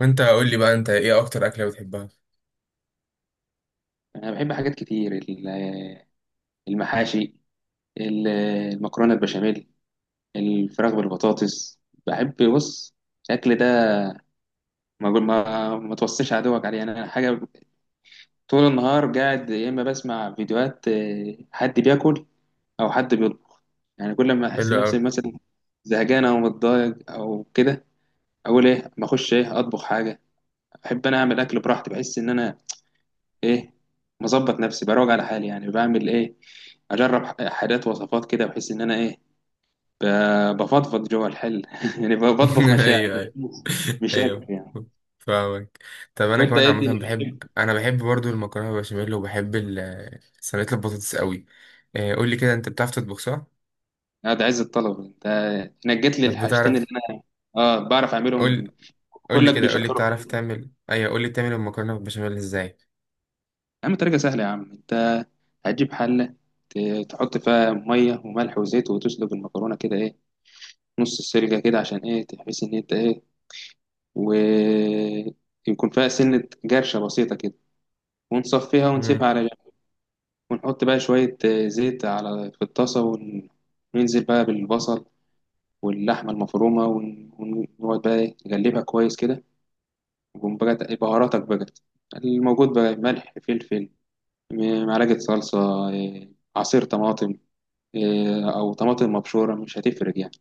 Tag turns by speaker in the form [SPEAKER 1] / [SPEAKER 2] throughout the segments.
[SPEAKER 1] وانت قول لي بقى انت ايه اكتر اكله بتحبها؟
[SPEAKER 2] انا بحب حاجات كتير المحاشي، ال- المكرونه البشاميل، الفراخ بالبطاطس. بحب بص الاكل ده. ما توصيش عدوك عليه، يعني انا حاجه طول النهار قاعد يا اما بسمع فيديوهات، حد بياكل او حد بيطبخ. يعني كل ما احس
[SPEAKER 1] حلو قوي.
[SPEAKER 2] نفسي مثلا زهقان او متضايق او كده، اقول ايه ما اخش ايه اطبخ حاجه. بحب انا اعمل اكل براحتي، بحس ان انا ايه مظبط نفسي بروج على حالي. يعني بعمل ايه، اجرب حاجات وصفات كده بحيث ان انا ايه بفضفض جوه الحل يعني بطبخ
[SPEAKER 1] ايوه،
[SPEAKER 2] مشاعر مش
[SPEAKER 1] ايوه،
[SPEAKER 2] مش اكل
[SPEAKER 1] ايوه،
[SPEAKER 2] يعني.
[SPEAKER 1] فاهمك. طب انا
[SPEAKER 2] وانت
[SPEAKER 1] كمان
[SPEAKER 2] ايه
[SPEAKER 1] عامه
[SPEAKER 2] الدنيا بتحب؟
[SPEAKER 1] بحب، انا بحب برضو المكرونه بالبشاميل، وبحب صينيه البطاطس قوي. قول لي كده، انت بتعرف تطبخ صح؟
[SPEAKER 2] اه، ده عز الطلب انت، نجيت لي
[SPEAKER 1] طب
[SPEAKER 2] الحاجتين اللي
[SPEAKER 1] بتعرف؟
[SPEAKER 2] انا. اه، بعرف اعملهم،
[SPEAKER 1] قول قول لي
[SPEAKER 2] كلك
[SPEAKER 1] كده،
[SPEAKER 2] بيشكروا فيا.
[SPEAKER 1] قول لي تعمل المكرونه بالبشاميل ازاي.
[SPEAKER 2] يا عم طريقه سهله يا عم، انت هتجيب حله، تحط فيها ميه وملح وزيت وتسلق المكرونه كده، ايه، نص السلقه كده عشان ايه تحس ان انت ايه ويكون فيها سنة جرشة بسيطة كده، ونصفيها
[SPEAKER 1] امم،
[SPEAKER 2] ونسيبها على جنب. ونحط بقى شوية زيت على في الطاسة، وننزل بقى بالبصل واللحمة المفرومة، ونقعد بقى إيه نقلبها كويس كده، ونقوم بقى بهاراتك بقى الموجود، بقى ملح فلفل معلقة صلصة، آه، عصير طماطم، أو طماطم مبشورة مش هتفرق يعني.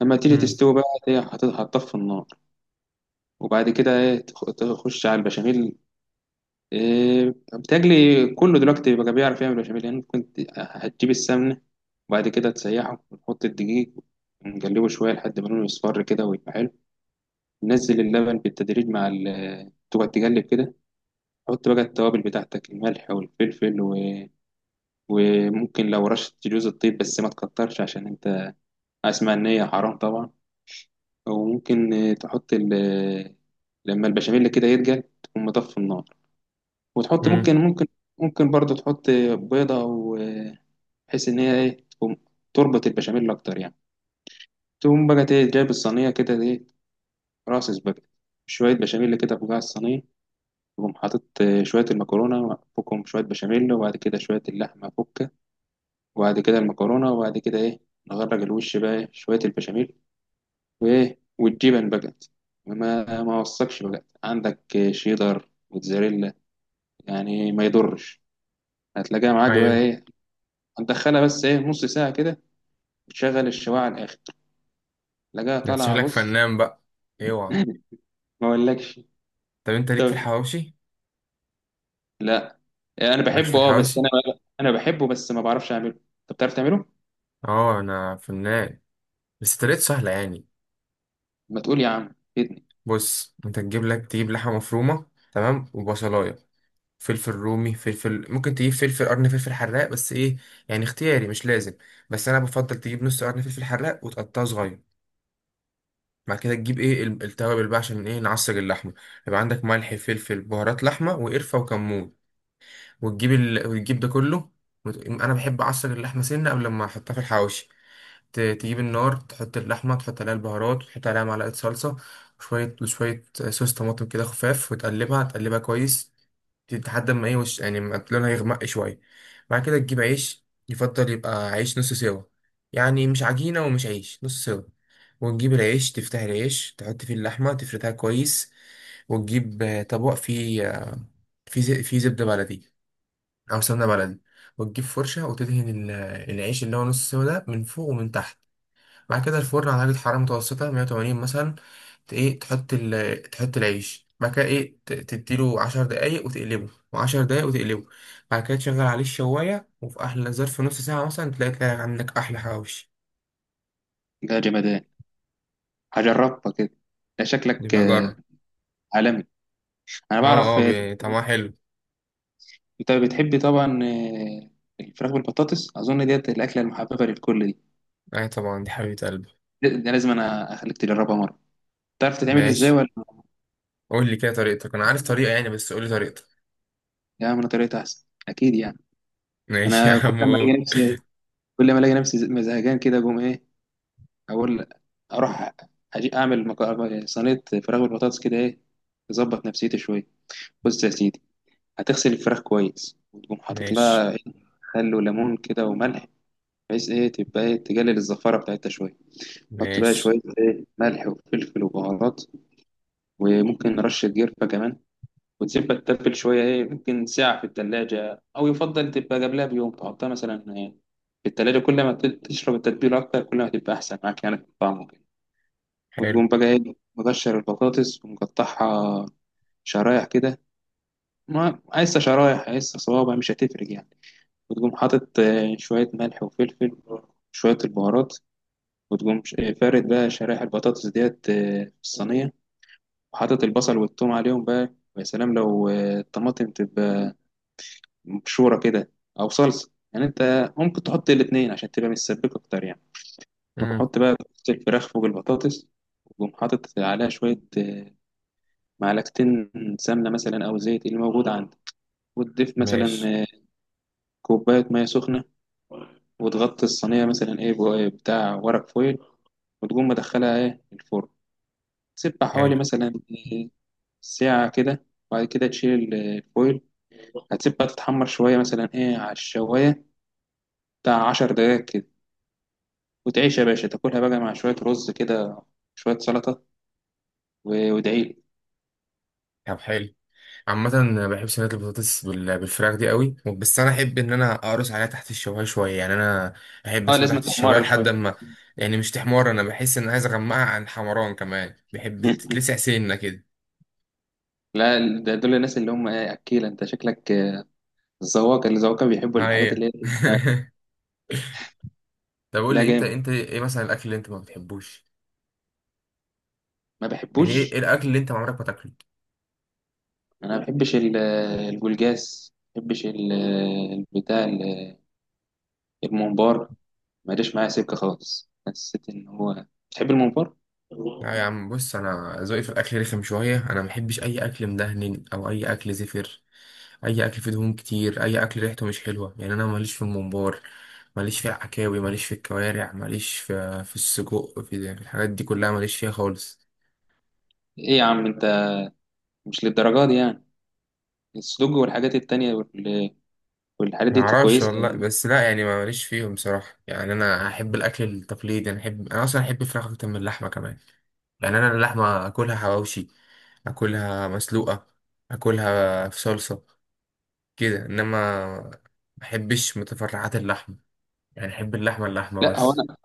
[SPEAKER 2] لما تيجي
[SPEAKER 1] امم،
[SPEAKER 2] تستوي بقى هتطفي النار، وبعد كده إيه تخش على البشاميل. بتجلي كله دلوقتي بقى بيعرف يعمل بشاميل يعني، كنت هتجيب السمنة وبعد كده تسيحه وتحط الدقيق ونقلبه شوية لحد ما لونه يصفر كده ويبقى حلو. نزل اللبن بالتدريج مع ال تقعد تقلب كده، حط بقى التوابل بتاعتك الملح والفلفل وممكن لو رشة جوز الطيب بس ما تكترش، عشان انت اسمع ان هي حرام طبعا. وممكن تحط ال... آه، لما البشاميل كده يتقل تقوم مطفي النار، وتحط
[SPEAKER 1] امم،
[SPEAKER 2] ممكن برضو تحط بيضة أو، بحيث ان هي ايه تقوم تربط البشاميل اكتر يعني. تقوم بقى ايه جايب الصينيه كده، ايه راس بقى شويه بشاميل كده فوق الصينيه، تقوم حاطط شويه المكرونه فوقهم، شويه بشاميل وبعد كده شويه اللحمه فوقها، وبعد كده المكرونه وبعد كده ايه نغرق الوش بقى إيه؟ شويه البشاميل وايه والجبن بقى، ما وصكش بقى عندك شيدر موتزاريلا يعني ما يضرش، هتلاقيها معاك بقى
[SPEAKER 1] ايوه.
[SPEAKER 2] ايه هتدخلها بس ايه نص ساعه كده وتشغل الشوايه على الاخر، تلاقيها
[SPEAKER 1] ده انت
[SPEAKER 2] طالعه
[SPEAKER 1] شكلك
[SPEAKER 2] بص.
[SPEAKER 1] فنان بقى، اوعى.
[SPEAKER 2] ما اقولكش.
[SPEAKER 1] طب انت ليك في
[SPEAKER 2] طب
[SPEAKER 1] الحواوشي؟
[SPEAKER 2] لا انا
[SPEAKER 1] مالكش في
[SPEAKER 2] بحبه، اه، بس
[SPEAKER 1] الحواوشي؟
[SPEAKER 2] انا بحبه بس ما بعرفش اعمله، انت بتعرف تعمله؟
[SPEAKER 1] اه انا فنان، بس طريقته سهله يعني.
[SPEAKER 2] ما تقول يا عم فيدني.
[SPEAKER 1] بص انت تجيب لك، تجيب لحمه مفرومه، تمام، وبصلايه، فلفل رومي، فلفل، ممكن تجيب فلفل قرن، فلفل حراق، بس ايه، يعني اختياري مش لازم. بس انا بفضل تجيب نص قرن فلفل حراق وتقطعه صغير. بعد كده تجيب ايه التوابل بقى، عشان ايه نعصر اللحمه. يبقى عندك ملح، فلفل، بهارات لحمه، وقرفه، وكمون، وتجيب ده كله. انا بحب اعصر اللحمه سنه قبل ما احطها في الحواوشي. تجيب النار، تحط اللحمة، تحط عليها البهارات، وتحط عليها معلقة صلصة، وشوية وشوية صوص طماطم كده خفاف، وتقلبها، تقلبها كويس لحد ما ايه وش، يعني ما لونها يغمق شوية. بعد كده تجيب عيش، يفضل يبقى عيش نص سوا، يعني مش عجينة ومش عيش، نص سوا. وتجيب العيش، تفتح العيش، تحط فيه اللحمة، تفردها كويس. وتجيب طبق فيه فيه فيه زبدة بلدي أو سمنة بلدي، وتجيب فرشة وتدهن العيش اللي هو نص سوا ده من فوق ومن تحت. بعد كده الفرن على درجة حرارة متوسطة 180 مثلا. ت- ايه تحط تحط العيش، بعد كده ايه تديله 10 دقايق وتقلبه، و10 دقايق وتقلبه. بعد كده تشغل عليه الشواية، وفي أحلى ظرف نص ساعة مثلا، تلاقي عندك أحلى حواوشي.
[SPEAKER 2] ده جمدان، هجربها كده، ده شكلك
[SPEAKER 1] يبقى جرب.
[SPEAKER 2] عالمي. انا
[SPEAKER 1] اه
[SPEAKER 2] بعرف
[SPEAKER 1] اه طعمها حلو.
[SPEAKER 2] انت بتحب طبعا الفراخ بالبطاطس، اظن ديت الاكله المحببه للكل دي،
[SPEAKER 1] أي طبعا، دي حبيبة قلبي.
[SPEAKER 2] ده لازم انا اخليك تجربها مره. تعرف تتعمل ازاي
[SPEAKER 1] ماشي.
[SPEAKER 2] ولا؟
[SPEAKER 1] قول لي كده طريقتك، أنا عارف طريقة يعني، بس قول لي طريقتك.
[SPEAKER 2] يا من طريقتها احسن اكيد يعني.
[SPEAKER 1] ماشي يا
[SPEAKER 2] انا
[SPEAKER 1] عم، قول.
[SPEAKER 2] كل ما الاقي نفسي زهقان كده اقوم ايه، اقول اروح اجي اعمل صينيه فراخ بالبطاطس كده ايه تظبط نفسيتي شويه. بص يا سيدي، هتغسل الفراخ كويس وتقوم حاطط
[SPEAKER 1] ماشي،
[SPEAKER 2] لها إيه؟ خل وليمون كده وملح بحيث ايه تبقى ايه تقلل الزفاره بتاعتها شويه. حط بقى شويه
[SPEAKER 1] ماشي،
[SPEAKER 2] ايه ملح وفلفل وبهارات، وممكن رشه قرفه كمان، وتسيبها تتبل شويه ايه ممكن ساعه في التلاجة، او يفضل تبقى قبلها بيوم تحطها مثلا في التلاجة، كل ما تشرب التتبيله اكتر كل ما تبقى احسن معاك يعني في الطعم وكده.
[SPEAKER 1] حلو.
[SPEAKER 2] وتقوم بقى ايه مقشر البطاطس ومقطعها شرايح كده، ما عايزة شرايح عايزة صوابع مش هتفرق يعني، وتقوم حاطط شوية ملح وفلفل وشوية البهارات، وتقوم فارد بقى شرايح البطاطس ديت في الصينية، وحاطط البصل والثوم عليهم بقى. ويا سلام لو الطماطم تبقى مبشورة كده أو صلصة يعني، أنت ممكن تحط الاتنين عشان تبقى متسبكة أكتر يعني.
[SPEAKER 1] مم.
[SPEAKER 2] وتحط بقى الفراخ فوق البطاطس، وتقوم حاطط عليها شوية معلقتين سمنة مثلا أو زيت اللي موجود عندك، وتضيف
[SPEAKER 1] ماشي،
[SPEAKER 2] مثلا آه، كوباية مية سخنة، وتغطي الصينية مثلا إيه بتاع ورق فويل، وتقوم مدخلها إيه الفرن، تسيبها حوالي
[SPEAKER 1] حلو.
[SPEAKER 2] مثلا آه، ساعة كده، وبعد كده تشيل الفويل، هتسيبها تتحمر شوية مثلا إيه على الشواية بتاع 10 دقايق كده، وتعيش يا باشا تاكلها بقى مع شوية رز كده، شوية سلطة، وادعيلي.
[SPEAKER 1] طب حلو. عامة أنا بحب صينية البطاطس بالفراخ دي قوي، بس أنا أحب إن أنا أقرص عليها تحت الشواية شوية، يعني أنا أحب
[SPEAKER 2] اه
[SPEAKER 1] أسيبها
[SPEAKER 2] لازم
[SPEAKER 1] تحت الشواية
[SPEAKER 2] تحمر
[SPEAKER 1] لحد
[SPEAKER 2] شوية.
[SPEAKER 1] أما، يعني مش تحمر، أنا بحس إن أنا عايز أغمقها عن حمران كمان، بحب تتلسع سنة كده.
[SPEAKER 2] لا ده دول الناس اللي هم إيه أكيلة أنت شكلك، بس هو كان بيحب الحاجات
[SPEAKER 1] أيوة.
[SPEAKER 2] اللي هي.
[SPEAKER 1] طب قول
[SPEAKER 2] لا
[SPEAKER 1] لي، أنت
[SPEAKER 2] جامد،
[SPEAKER 1] أنت إيه مثلا الأكل اللي أنت ما بتحبوش،
[SPEAKER 2] ما
[SPEAKER 1] يعني إيه
[SPEAKER 2] بحبوش.
[SPEAKER 1] الأكل اللي أنت عمرك ما تاكله؟
[SPEAKER 2] انا ما بحبش الجولجاس، ما بحبش البتاع الممبار، ما جاش معايا سكه خالص، حسيت ان هو بتحب الممبار.
[SPEAKER 1] لا يا عم، بص انا ذوقي في الاكل رخم شويه، انا ما بحبش اي اكل مدهن او اي اكل زفر، اي اكل فيه دهون كتير، اي اكل ريحته مش حلوه. يعني انا ماليش في الممبار، ماليش في العكاوي، ماليش في الكوارع، ماليش في السجق، في الحاجات دي كلها، ماليش فيها خالص.
[SPEAKER 2] ايه يا عم انت، مش للدرجه دي يعني، السدوج والحاجات التانية والحاجات
[SPEAKER 1] ما
[SPEAKER 2] دي
[SPEAKER 1] اعرفش
[SPEAKER 2] كويسه
[SPEAKER 1] والله،
[SPEAKER 2] يعني.
[SPEAKER 1] بس لا يعني ما ماليش فيهم بصراحه. يعني انا احب الاكل التقليدي، انا اصلا احب الفراخ اكتر من اللحمه كمان. يعني انا اللحمه اكلها حواوشي، اكلها مسلوقه، اكلها في صلصه كده، انما ما بحبش متفرعات اللحمه، يعني احب اللحمه اللحمه
[SPEAKER 2] لا هو
[SPEAKER 1] بس.
[SPEAKER 2] انا،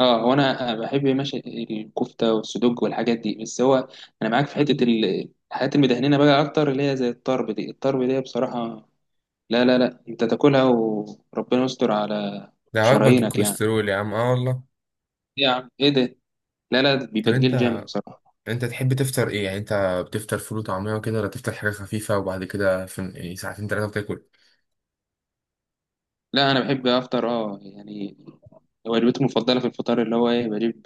[SPEAKER 2] اه، هو انا بحب ماشي الكفته والسدوج والحاجات دي، بس هو انا معاك في حته الحاجات المدهنينه بقى اكتر اللي هي زي الطرب دي، الطرب دي بصراحه لا لا لا، انت تاكلها وربنا يستر على
[SPEAKER 1] ده وجبه تجيب
[SPEAKER 2] شرايينك يعني.
[SPEAKER 1] كوليسترول يا عم، اه والله.
[SPEAKER 2] إيه يا عم ايه ده، لا لا، ده
[SPEAKER 1] طب
[SPEAKER 2] بيبقى
[SPEAKER 1] انت
[SPEAKER 2] تقيل جامد بصراحه.
[SPEAKER 1] انت تحب تفطر ايه يعني؟ انت بتفطر فول وطعميه وكده، ولا تفطر حاجه خفيفه وبعد كده في يعني ساعتين ثلاثه بتاكل؟
[SPEAKER 2] لا انا بحب افطر اه يعني، وجبتي المفضله في الفطار اللي هو ايه بجيب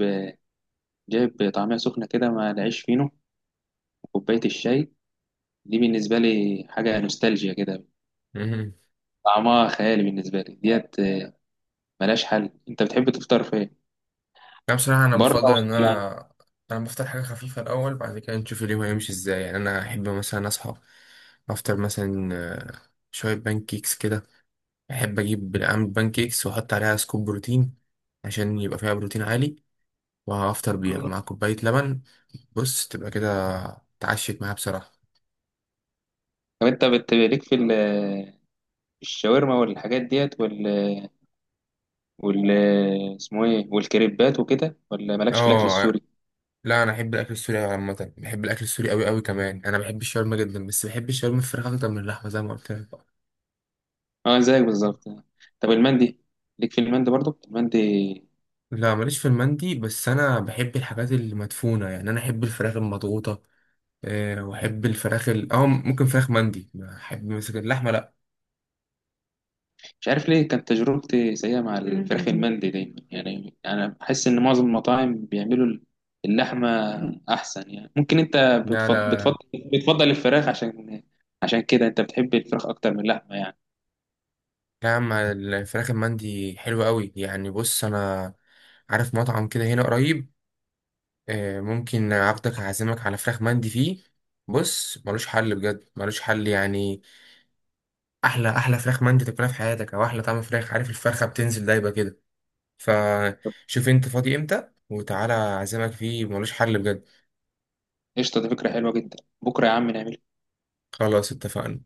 [SPEAKER 2] جايب طعميه سخنه كده مع العيش فينو وكوبايه الشاي، دي بالنسبه لي حاجه نوستالجيا كده،
[SPEAKER 1] امم.
[SPEAKER 2] طعمها خيالي بالنسبه لي ديت، ملهاش حل. انت بتحب تفطر فين،
[SPEAKER 1] لا بصراحه، انا
[SPEAKER 2] بره ولا
[SPEAKER 1] بفضل ان
[SPEAKER 2] يعني؟
[SPEAKER 1] انا، انا بفطر حاجه خفيفه الاول، بعد كده نشوف اليوم هيمشي ازاي. يعني انا احب مثلا اصحى افطر مثلا شويه بانكيكس كده، احب اجيب اعمل بانكيكس واحط عليها سكوب بروتين عشان يبقى فيها بروتين عالي، وهفطر بيها مع كوباية لبن. بص، تبقى كده اتعشت معاها بصراحة.
[SPEAKER 2] طب انت ليك في الشاورما والحاجات ديت وال اسمه ايه والكريبات وكده، ولا مالكش في الاكل
[SPEAKER 1] اه،
[SPEAKER 2] السوري؟
[SPEAKER 1] لا انا احب الاكل السوري أوي، عامة بحب الاكل السوري قوي، قوي كمان، انا بحب الشاورما جدا، بس بحب الشاورما الفراخ اكتر من اللحمة زي ما قلت لك.
[SPEAKER 2] اه زيك بالظبط. طب المندي، ليك في المندي برضو المندي؟
[SPEAKER 1] لا ماليش في المندي، بس انا بحب الحاجات المدفونة، يعني انا احب الفراخ المضغوطة. أه، واحب الفراخ ال... اه ممكن فراخ مندي، احب مثلا اللحمة، لا.
[SPEAKER 2] مش عارف ليه كانت تجربتي سيئة مع الفراخ المندي دايما، يعني انا بحس ان معظم المطاعم بيعملوا اللحمة احسن، يعني ممكن انت
[SPEAKER 1] لا،
[SPEAKER 2] بتفضل
[SPEAKER 1] لا، لا
[SPEAKER 2] بتفضل بتفضل الفراخ، عشان كده انت بتحب الفراخ اكتر من اللحمة يعني.
[SPEAKER 1] يا عم، الفراخ المندي حلوة قوي، يعني بص انا عارف مطعم كده هنا قريب، ممكن عبدك هعزمك على فراخ مندي فيه، بص ملوش حل بجد، ملوش حل يعني. احلى احلى فراخ مندي تاكلها في حياتك، او احلى طعم فراخ، عارف الفرخه بتنزل دايبه كده.
[SPEAKER 2] طب
[SPEAKER 1] فشوف انت فاضي امتى وتعالى اعزمك فيه، ملوش حل بجد.
[SPEAKER 2] قشطة، دي فكرة حلوة جدا، بكرة يا عم نعمل.
[SPEAKER 1] خلاص اتفقنا.